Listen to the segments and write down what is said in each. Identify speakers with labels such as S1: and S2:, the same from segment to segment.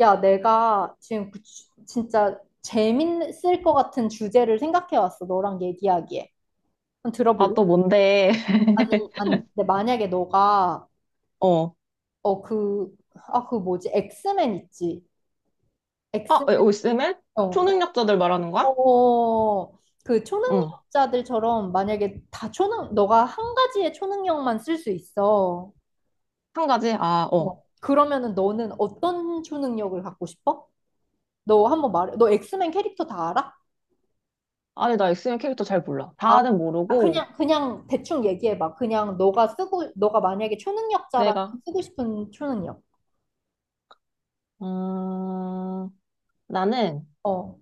S1: 야, 내가 지금 진짜 재밌을 것 같은 주제를 생각해 왔어. 너랑 얘기하기에. 한번
S2: 아,
S1: 들어볼래?
S2: 또 뭔데?
S1: 아니, 아니, 근데 만약에 너가,
S2: 어.
S1: 어, 그, 아, 그 뭐지? 엑스맨 있지?
S2: 아,
S1: 엑스맨,
S2: 엑스맨?
S1: 어,
S2: 초능력자들 말하는 거야?
S1: 어,
S2: 응.
S1: 초능력자들처럼 만약에 너가 한 가지의 초능력만 쓸 수 있어.
S2: 한 가지? 아, 어.
S1: 어, 그러면은 너는 어떤 초능력을 갖고 싶어? 너 한번 말해. 너 엑스맨 캐릭터 다 알아?
S2: 아니, 나 엑스맨 캐릭터 잘 몰라.
S1: 아,
S2: 다는
S1: 아,
S2: 모르고,
S1: 그냥 대충 얘기해봐. 너가 만약에 초능력자라면
S2: 내가,
S1: 쓰고 싶은 초능력.
S2: 음, 나는,
S1: 어.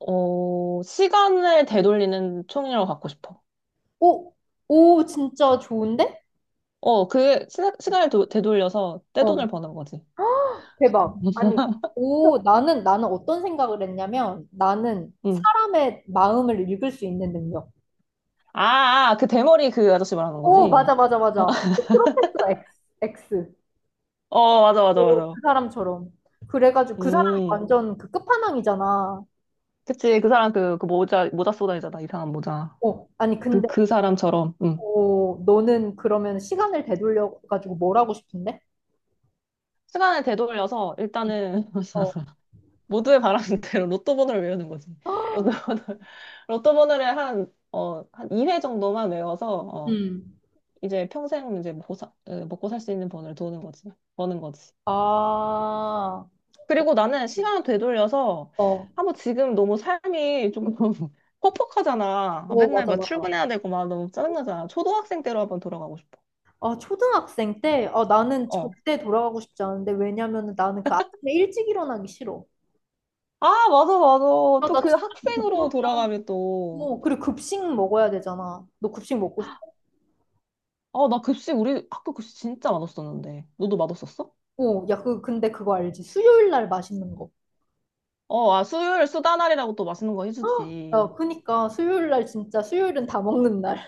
S2: 시간을 되돌리는 초능력을 갖고 싶어.
S1: 오, 오, 진짜 좋은데?
S2: 시간을 되돌려서
S1: 어,
S2: 떼돈을 버는 거지.
S1: 대박. 아니, 오, 나는 어떤 생각을 했냐면, 나는
S2: 응.
S1: 사람의 마음을 읽을 수 있는 능력.
S2: 그 대머리 그 아저씨 말하는
S1: 오,
S2: 거지?
S1: 맞아, 맞아, 맞아. 그 프로페서 X, X.
S2: 어, 맞아, 맞아,
S1: 오,
S2: 맞아.
S1: 그 사람처럼. 그래가지고 그 사람이
S2: 음.
S1: 완전 그 끝판왕이잖아.
S2: 그치, 그 사람 그 모자 쏘다니잖아, 이상한 모자.
S1: 어, 아니,
S2: 그,
S1: 근데
S2: 그 사람처럼, 응.
S1: 어, 너는 그러면 시간을 되돌려 가지고 뭘 하고 싶은데?
S2: 시간을 되돌려서 일단은
S1: 어,
S2: 모두의 바람대로 로또 번호를 외우는 거지. 로또 번호, 로또 번호를 한 2회 정도만 외워서, 어,
S1: 음.
S2: 이제 평생 이제 먹고 살 수 있는 번호를 도는 거지. 버는 거지.
S1: 아,
S2: 그리고 나는 시간을 되돌려서,
S1: 어,
S2: 한번 지금 너무 삶이 좀 퍽퍽하잖아. 아,
S1: 오,
S2: 맨날
S1: 맞아,
S2: 막
S1: 맞아.
S2: 출근해야 되고 막 너무 짜증나잖아. 초등학생 때로 한번 돌아가고 싶어.
S1: 아, 초등학생 때, 아, 나는
S2: 어.
S1: 절대 돌아가고 싶지 않은데, 왜냐면은 나는 그 아침에 일찍 일어나기 싫어.
S2: 아, 맞아, 맞아.
S1: 아,
S2: 또
S1: 나
S2: 그
S1: 진짜,
S2: 학생으로 돌아가면 또,
S1: 어, 그리고 급식 먹어야 되잖아. 너 급식 먹고 싶어?
S2: 나 급식, 우리 학교 급식 진짜 맛없었는데. 너도 맛없었어?
S1: 어, 야, 근데 그거 알지? 수요일 날 맛있는 거.
S2: 어, 아, 수요일 수다 날이라고 또 맛있는 거
S1: 야,
S2: 해주지.
S1: 그니까, 수요일 날 진짜, 수요일은 다 먹는 날.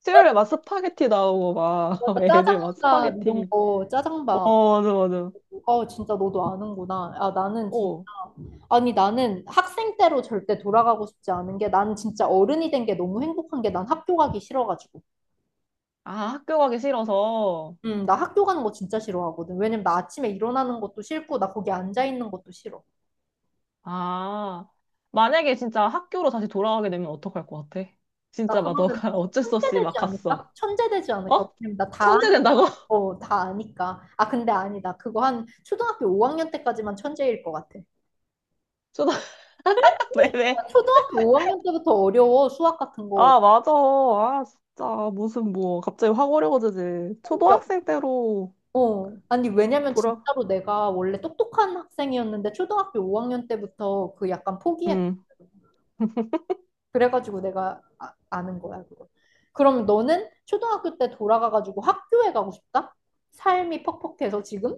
S2: 수요일에 막 스파게티 나오고 막,
S1: 맞아,
S2: 애들 막
S1: 짜장밥, 이런
S2: 스파게티.
S1: 거, 짜장밥.
S2: 어, 맞아, 맞아.
S1: 어, 진짜 너도 아는구나. 아, 나는 진,
S2: 어,
S1: 아니, 나는 학생 때로 절대 돌아가고 싶지 않은 게, 나는 진짜 어른이 된 게 너무 행복한 게, 난 학교 가기 싫어가지고.
S2: 아, 학교 가기 싫어서.
S1: 나 학교 가는 거 진짜 싫어하거든. 왜냐면 나 아침에 일어나는 것도 싫고, 나 거기 앉아 있는 것도 싫어.
S2: 아, 만약에 진짜 학교로 다시 돌아가게 되면 어떡할 것 같아?
S1: 나
S2: 진짜 막
S1: 그러면
S2: 너가 어쩔 수
S1: 천재
S2: 없이 막
S1: 되지
S2: 갔어.
S1: 않을까? 천재 되지 않을까?
S2: 어?
S1: 왜냐면 나 다
S2: 천재
S1: 아니까.
S2: 된다고?
S1: 어, 다 아니까. 아, 근데 아니다. 그거 한 초등학교 5학년 때까지만 천재일 것 같아. 야,
S2: 수다, 왜, 왜?
S1: 초등학교 5학년 때부터 어려워, 수학 같은 거.
S2: 아, 맞아. 아, 진짜. 무슨, 뭐, 갑자기 확 어려워지지. 초등학생 때로
S1: 어, 아니, 왜냐면
S2: 돌아,
S1: 진짜로 내가 원래 똑똑한 학생이었는데 초등학교 5학년 때부터 그 약간 포기해.
S2: 음.
S1: 그래가지고 내가 아, 아는 거야, 그거. 그럼 너는 초등학교 때 돌아가가지고 학교에 가고 싶다? 삶이 퍽퍽해서 지금?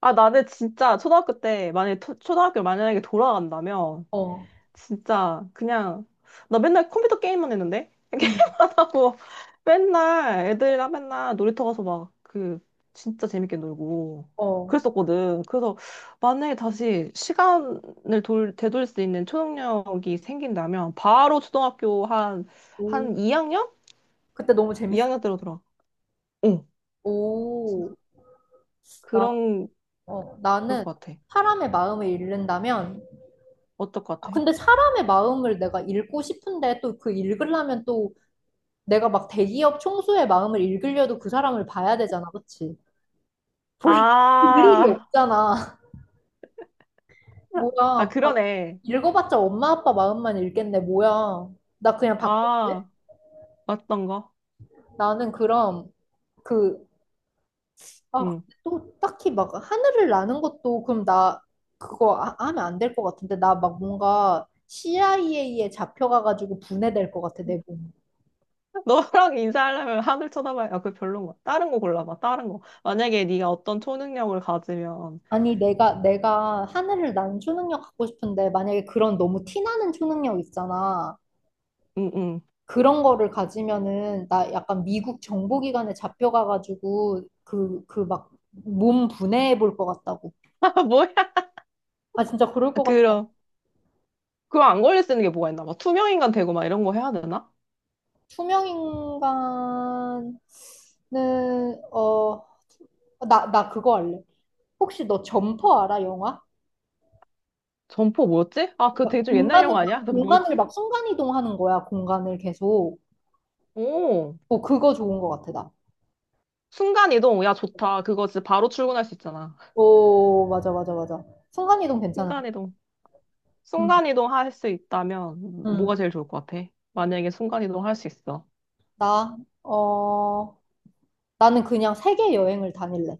S2: 아, 나는 진짜 초등학교 때, 만약에, 초등학교 만약에 돌아간다면,
S1: 어,
S2: 진짜, 그냥, 나 맨날 컴퓨터 게임만 했는데?
S1: 응,
S2: 이렇 하고, 맨날 애들이랑 맨날 놀이터 가서 막, 그, 진짜 재밌게 놀고,
S1: 어.
S2: 그랬었거든. 그래서, 만약에 다시 시간을 되돌릴 수 있는 초능력이 생긴다면, 바로 초등학교 한,
S1: 오,
S2: 한 2학년?
S1: 그때 너무 재밌어.
S2: 2학년 때로 돌아. 어.
S1: 오, 나,
S2: 그런,
S1: 어,
S2: 그럴
S1: 나는
S2: 것 같아.
S1: 사람의 마음을 읽는다면,
S2: 어떨 것
S1: 아,
S2: 같아?
S1: 근데 사람의 마음을 내가 읽고 싶은데 또 그 읽으려면 또 내가 막 대기업 총수의 마음을 읽으려도 그 사람을 봐야 되잖아, 그치? 볼, 볼 일이
S2: 아,
S1: 없잖아. 뭐야,
S2: 그러네.
S1: 읽어봤자 엄마 아빠 마음만 읽겠네, 뭐야. 나 그냥 바꿀게.
S2: 아, 맞던 거.
S1: 나는 그럼 그, 아,
S2: 응.
S1: 근데 또 딱히 막 하늘을 나는 것도 그럼 나 하면 안 될 것 같은데. 나 막 뭔가 CIA에 잡혀가가지고 분해될 것 같아, 내 몸.
S2: 너랑 인사하려면 하늘 쳐다봐야, 아, 그 별론 거야. 다른 거 골라봐, 다른 거. 만약에 네가 어떤 초능력을 가지면,
S1: 아니 내가 하늘을 나는 초능력 갖고 싶은데 만약에 그런 너무 티나는 초능력 있잖아.
S2: 응, 응.
S1: 그런 거를 가지면은 나 약간 미국 정보기관에 잡혀가가지고 그 막 몸 분해해 볼 것 같다고.
S2: 아, 뭐야?
S1: 아, 진짜 그럴 것 같다.
S2: 그럼, 그거 안 걸릴 수 있는 게 뭐가 있나? 막 투명인간 되고 막 이런 거 해야 되나?
S1: 투명인간은, 어, 나 그거 알래. 혹시 너 점퍼 알아, 영화?
S2: 점포 뭐였지? 아, 그거 되게 좀 옛날 영화 아니야? 그
S1: 공간을
S2: 뭐였지?
S1: 막 순간이동하는 거야, 공간을 계속.
S2: 오,
S1: 어, 그거 좋은 것 같아, 나.
S2: 순간이동. 야, 좋다. 그거 진짜 바로 출근할 수 있잖아.
S1: 오, 맞아, 맞아, 맞아. 순간이동 괜찮아.
S2: 순간이동.
S1: 응,
S2: 순간이동 할 수 있다면
S1: 응.
S2: 뭐가 제일 좋을 것 같아? 만약에 순간이동 할 수 있어.
S1: 나, 어, 나는 그냥 세계 여행을 다닐래.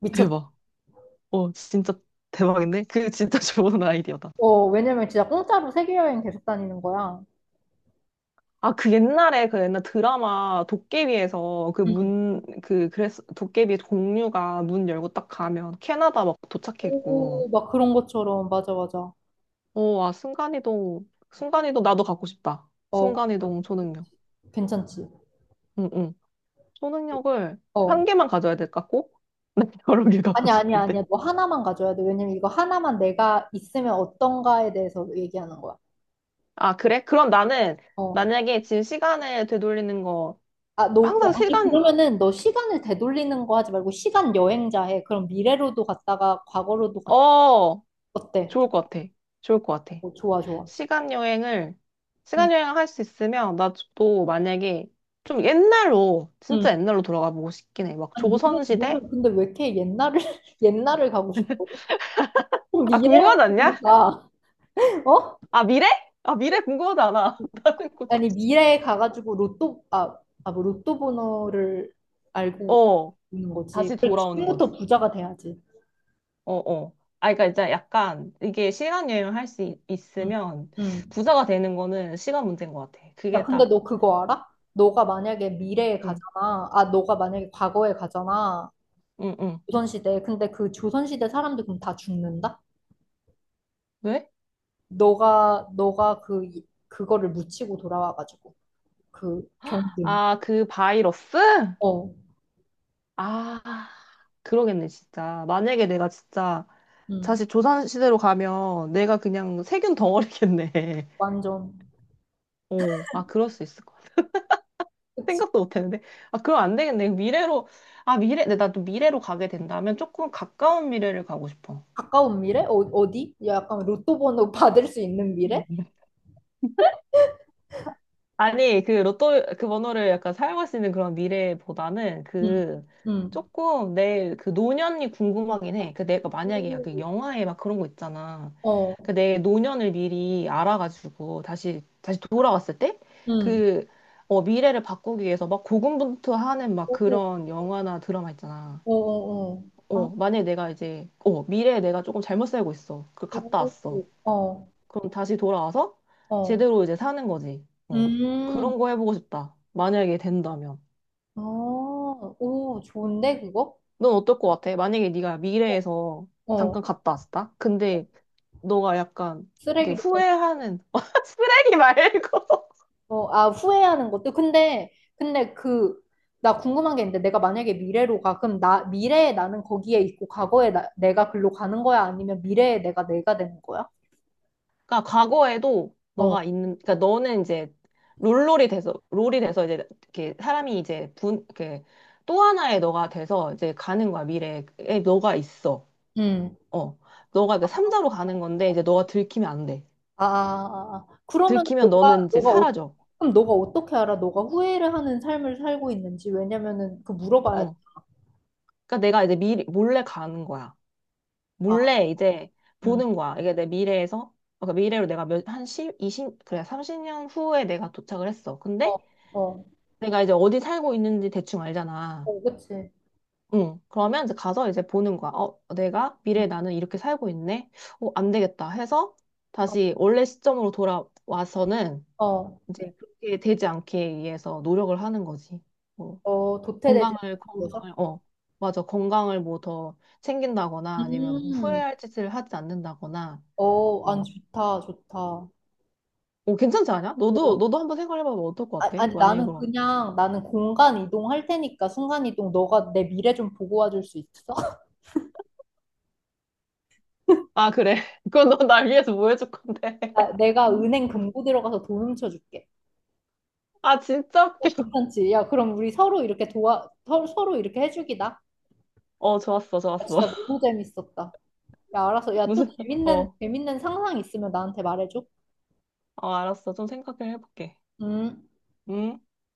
S1: 미쳤,
S2: 대박. 어, 진짜 대박인데? 그 진짜 좋은 아이디어다.
S1: 어, 왜냐면 진짜 공짜로 세계 여행 계속 다니는 거야.
S2: 아, 그 옛날에 그 옛날 드라마 도깨비에서
S1: 응.
S2: 그래서 도깨비 공유가 문 열고 딱 가면 캐나다 막 도착해 있고.
S1: 오, 막 그런 것처럼, 맞아, 맞아.
S2: 오 와, 순간이동, 순간이동 나도 갖고 싶다.
S1: 어, 그치,
S2: 순간이동 초능력.
S1: 그치. 괜찮지.
S2: 응, 응. 초능력을 한
S1: 어.
S2: 개만 가져야 될까, 꼭? 난 여러 개 갖고
S1: 아니, 아니,
S2: 싶은데.
S1: 아니야. 너 하나만 가져야 돼. 왜냐면 이거 하나만 내가 있으면 어떤가에 대해서 얘기하는 거야.
S2: 아, 그래? 그럼 나는
S1: 어.
S2: 만약에 지금 시간을 되돌리는 거
S1: 아, 너, 야,
S2: 항상
S1: 아니,
S2: 시간
S1: 그러면은 너 시간을 되돌리는 거 하지 말고 시간 여행자 해. 그럼 미래로도 갔다가 과거로도 갔,
S2: 어
S1: 어때?
S2: 좋을 것 같아. 좋을 것 같아.
S1: 어, 좋아, 좋아.
S2: 시간 여행을
S1: 응.
S2: 시간 여행을 할 수 있으면 나도 만약에 좀 옛날로 진짜
S1: 응.
S2: 옛날로 돌아가 보고 싶긴 해. 막
S1: 아니, 너는,
S2: 조선 시대?
S1: 너는 근데 왜 이렇게 옛날을, 옛날을 가고 싶어?
S2: 아
S1: 미래로
S2: 궁금하지 않냐?
S1: 보니까 어?
S2: 아 미래? 아 미래 궁금하지 않아. 나는 곧
S1: 아니 미래에 가가지고 로또 아, 아, 뭐 로또 번호를 알고
S2: 어.
S1: 있는
S2: 다시
S1: 거지. 그래
S2: 돌아오는 거지.
S1: 지금부터 부자가 돼야지.
S2: 어 어. 아, 그러니까 이제 약간 이게 시간 여행을 할 수
S1: 응.
S2: 있으면
S1: 응.
S2: 부자가 되는 거는 시간 문제인 것 같아.
S1: 야
S2: 그게
S1: 근데
S2: 딱
S1: 너 그거 알아? 너가 만약에 미래에
S2: 응,
S1: 가잖아. 아 너가 만약에 과거에 가잖아.
S2: 응, 응.
S1: 조선시대. 근데 그 조선시대 사람들 그럼 다 죽는다?
S2: 왜?
S1: 너가 그거를 묻히고 돌아와가지고 그 병든.
S2: 아, 그 바이러스?
S1: 어.
S2: 아, 그러겠네, 진짜. 만약에 내가 진짜
S1: 응.
S2: 다시 조선시대로 가면 내가 그냥 세균 덩어리겠네.
S1: 완전.
S2: 어, 아, 그럴 수 있을 것 같아.
S1: 그치?
S2: 생각도 못 했는데. 아, 그럼 안 되겠네. 미래로, 아, 미래, 근데 나도 미래로 가게 된다면 조금 가까운 미래를 가고 싶어.
S1: 가까운 미래? 어, 어디? 약간 로또 번호 받을 수 있는 미래?
S2: 아니, 그 로또, 그 번호를 약간 사용할 수 있는 그런 미래보다는
S1: 응,
S2: 그
S1: 응,
S2: 조금 내 그 노년이 궁금하긴 해. 그 내가 만약에 약간
S1: 오.
S2: 영화에 막 그런 거 있잖아.
S1: 어,
S2: 그 내 노년을 미리 알아가지고 다시 돌아왔을 때
S1: 응.
S2: 그, 미래를 바꾸기 위해서 막 고군분투하는 막
S1: 오,
S2: 그런 영화나 드라마 있잖아.
S1: 어, 어, 어. 아,
S2: 어, 만약에 내가 이제, 미래에 내가 조금 잘못 살고 있어. 그 갔다
S1: 오,
S2: 왔어.
S1: 어,
S2: 그럼 다시 돌아와서
S1: 어.
S2: 제대로 이제 사는 거지. 어.
S1: 음,
S2: 그런 거 해보고 싶다. 만약에 된다면.
S1: 아, 오, 좋은데, 그거?
S2: 넌 어떨 것 같아? 만약에 네가 미래에서
S1: 어,
S2: 잠깐 갔다 왔다? 근데 너가 약간 이렇게
S1: 쓰레기를,
S2: 후회하는 쓰레기 말고
S1: 어, 아, 후회하는 것도. 근데 그, 나 궁금한 게 있는데, 내가 만약에 미래로 가, 그럼 나, 미래에 나는 거기에 있고, 과거에 나, 내가 글로 가는 거야? 아니면 미래에 내가 되는 거야?
S2: 그러니까 과거에도 너가
S1: 어,
S2: 있는 그러니까 너는 이제 롤롤이 돼서 롤이 돼서 이제 이렇게 사람이 이제 분 이렇게 또 하나의 너가 돼서 이제 가는 거야. 미래에 너가 있어. 어. 너가 이제 삼자로 가는 건데 이제 너가 들키면 안 돼.
S1: 아, 아, 아. 아. 그러면
S2: 들키면 너는 이제 사라져.
S1: 그럼 너가 어떻게 알아? 너가 후회를 하는 삶을 살고 있는지. 왜냐면은 그 물어봐야 돼.
S2: 어. 그러니까 내가 이제 미리 몰래 가는 거야.
S1: 아,
S2: 몰래 이제
S1: 음.
S2: 보는 거야. 이게 내 미래에서 그러니까 미래로 내가 몇, 한 10 20 그래 30년 후에 내가 도착을 했어.
S1: 어,
S2: 근데
S1: 어,
S2: 내가 이제 어디 살고 있는지 대충 알잖아.
S1: 어, 그치.
S2: 응. 그러면 이제 가서 이제 보는 거야. 어, 내가
S1: 음,
S2: 미래에 나는 이렇게 살고 있네. 어, 안 되겠다 해서
S1: 어,
S2: 다시 원래 시점으로 돌아와서는
S1: 어,
S2: 이제 그렇게 되지 않기 위해서 노력을 하는 거지. 뭐
S1: 어, 도태되지
S2: 건강을
S1: 않아서?
S2: 건강을 어 맞아 건강을 뭐 더 챙긴다거나 아니면 뭐
S1: 음,
S2: 후회할 짓을 하지 않는다거나
S1: 어, 아니,
S2: 어,
S1: 좋다, 좋다. 어,
S2: 어 괜찮지 않아? 너도 너도 한번 생각해봐봐 어떨 것
S1: 아,
S2: 같아?
S1: 아니,
S2: 만약에
S1: 나는
S2: 그럼
S1: 그냥, 나는 공간 이동할 테니까 순간 이동, 너가 내 미래 좀 보고 와줄 수 있어?
S2: 아 그래 그건 너 날 위해서 뭐 해줄 건데
S1: 나, 내가 은행 금고 들어가서 돈 훔쳐줄게.
S2: 아 진짜 웃겨
S1: 어, 괜찮지? 야, 그럼 우리 서로 이렇게 도와, 서로 이렇게 해주기다. 야,
S2: 어 좋았어 좋았어
S1: 진짜 너무 재밌었다. 야, 알았어. 야, 또
S2: 무슨
S1: 재밌는,
S2: 어,
S1: 재밌는 상상 있으면 나한테 말해줘.
S2: 어 알았어 좀 생각을 해볼게
S1: 음.
S2: 음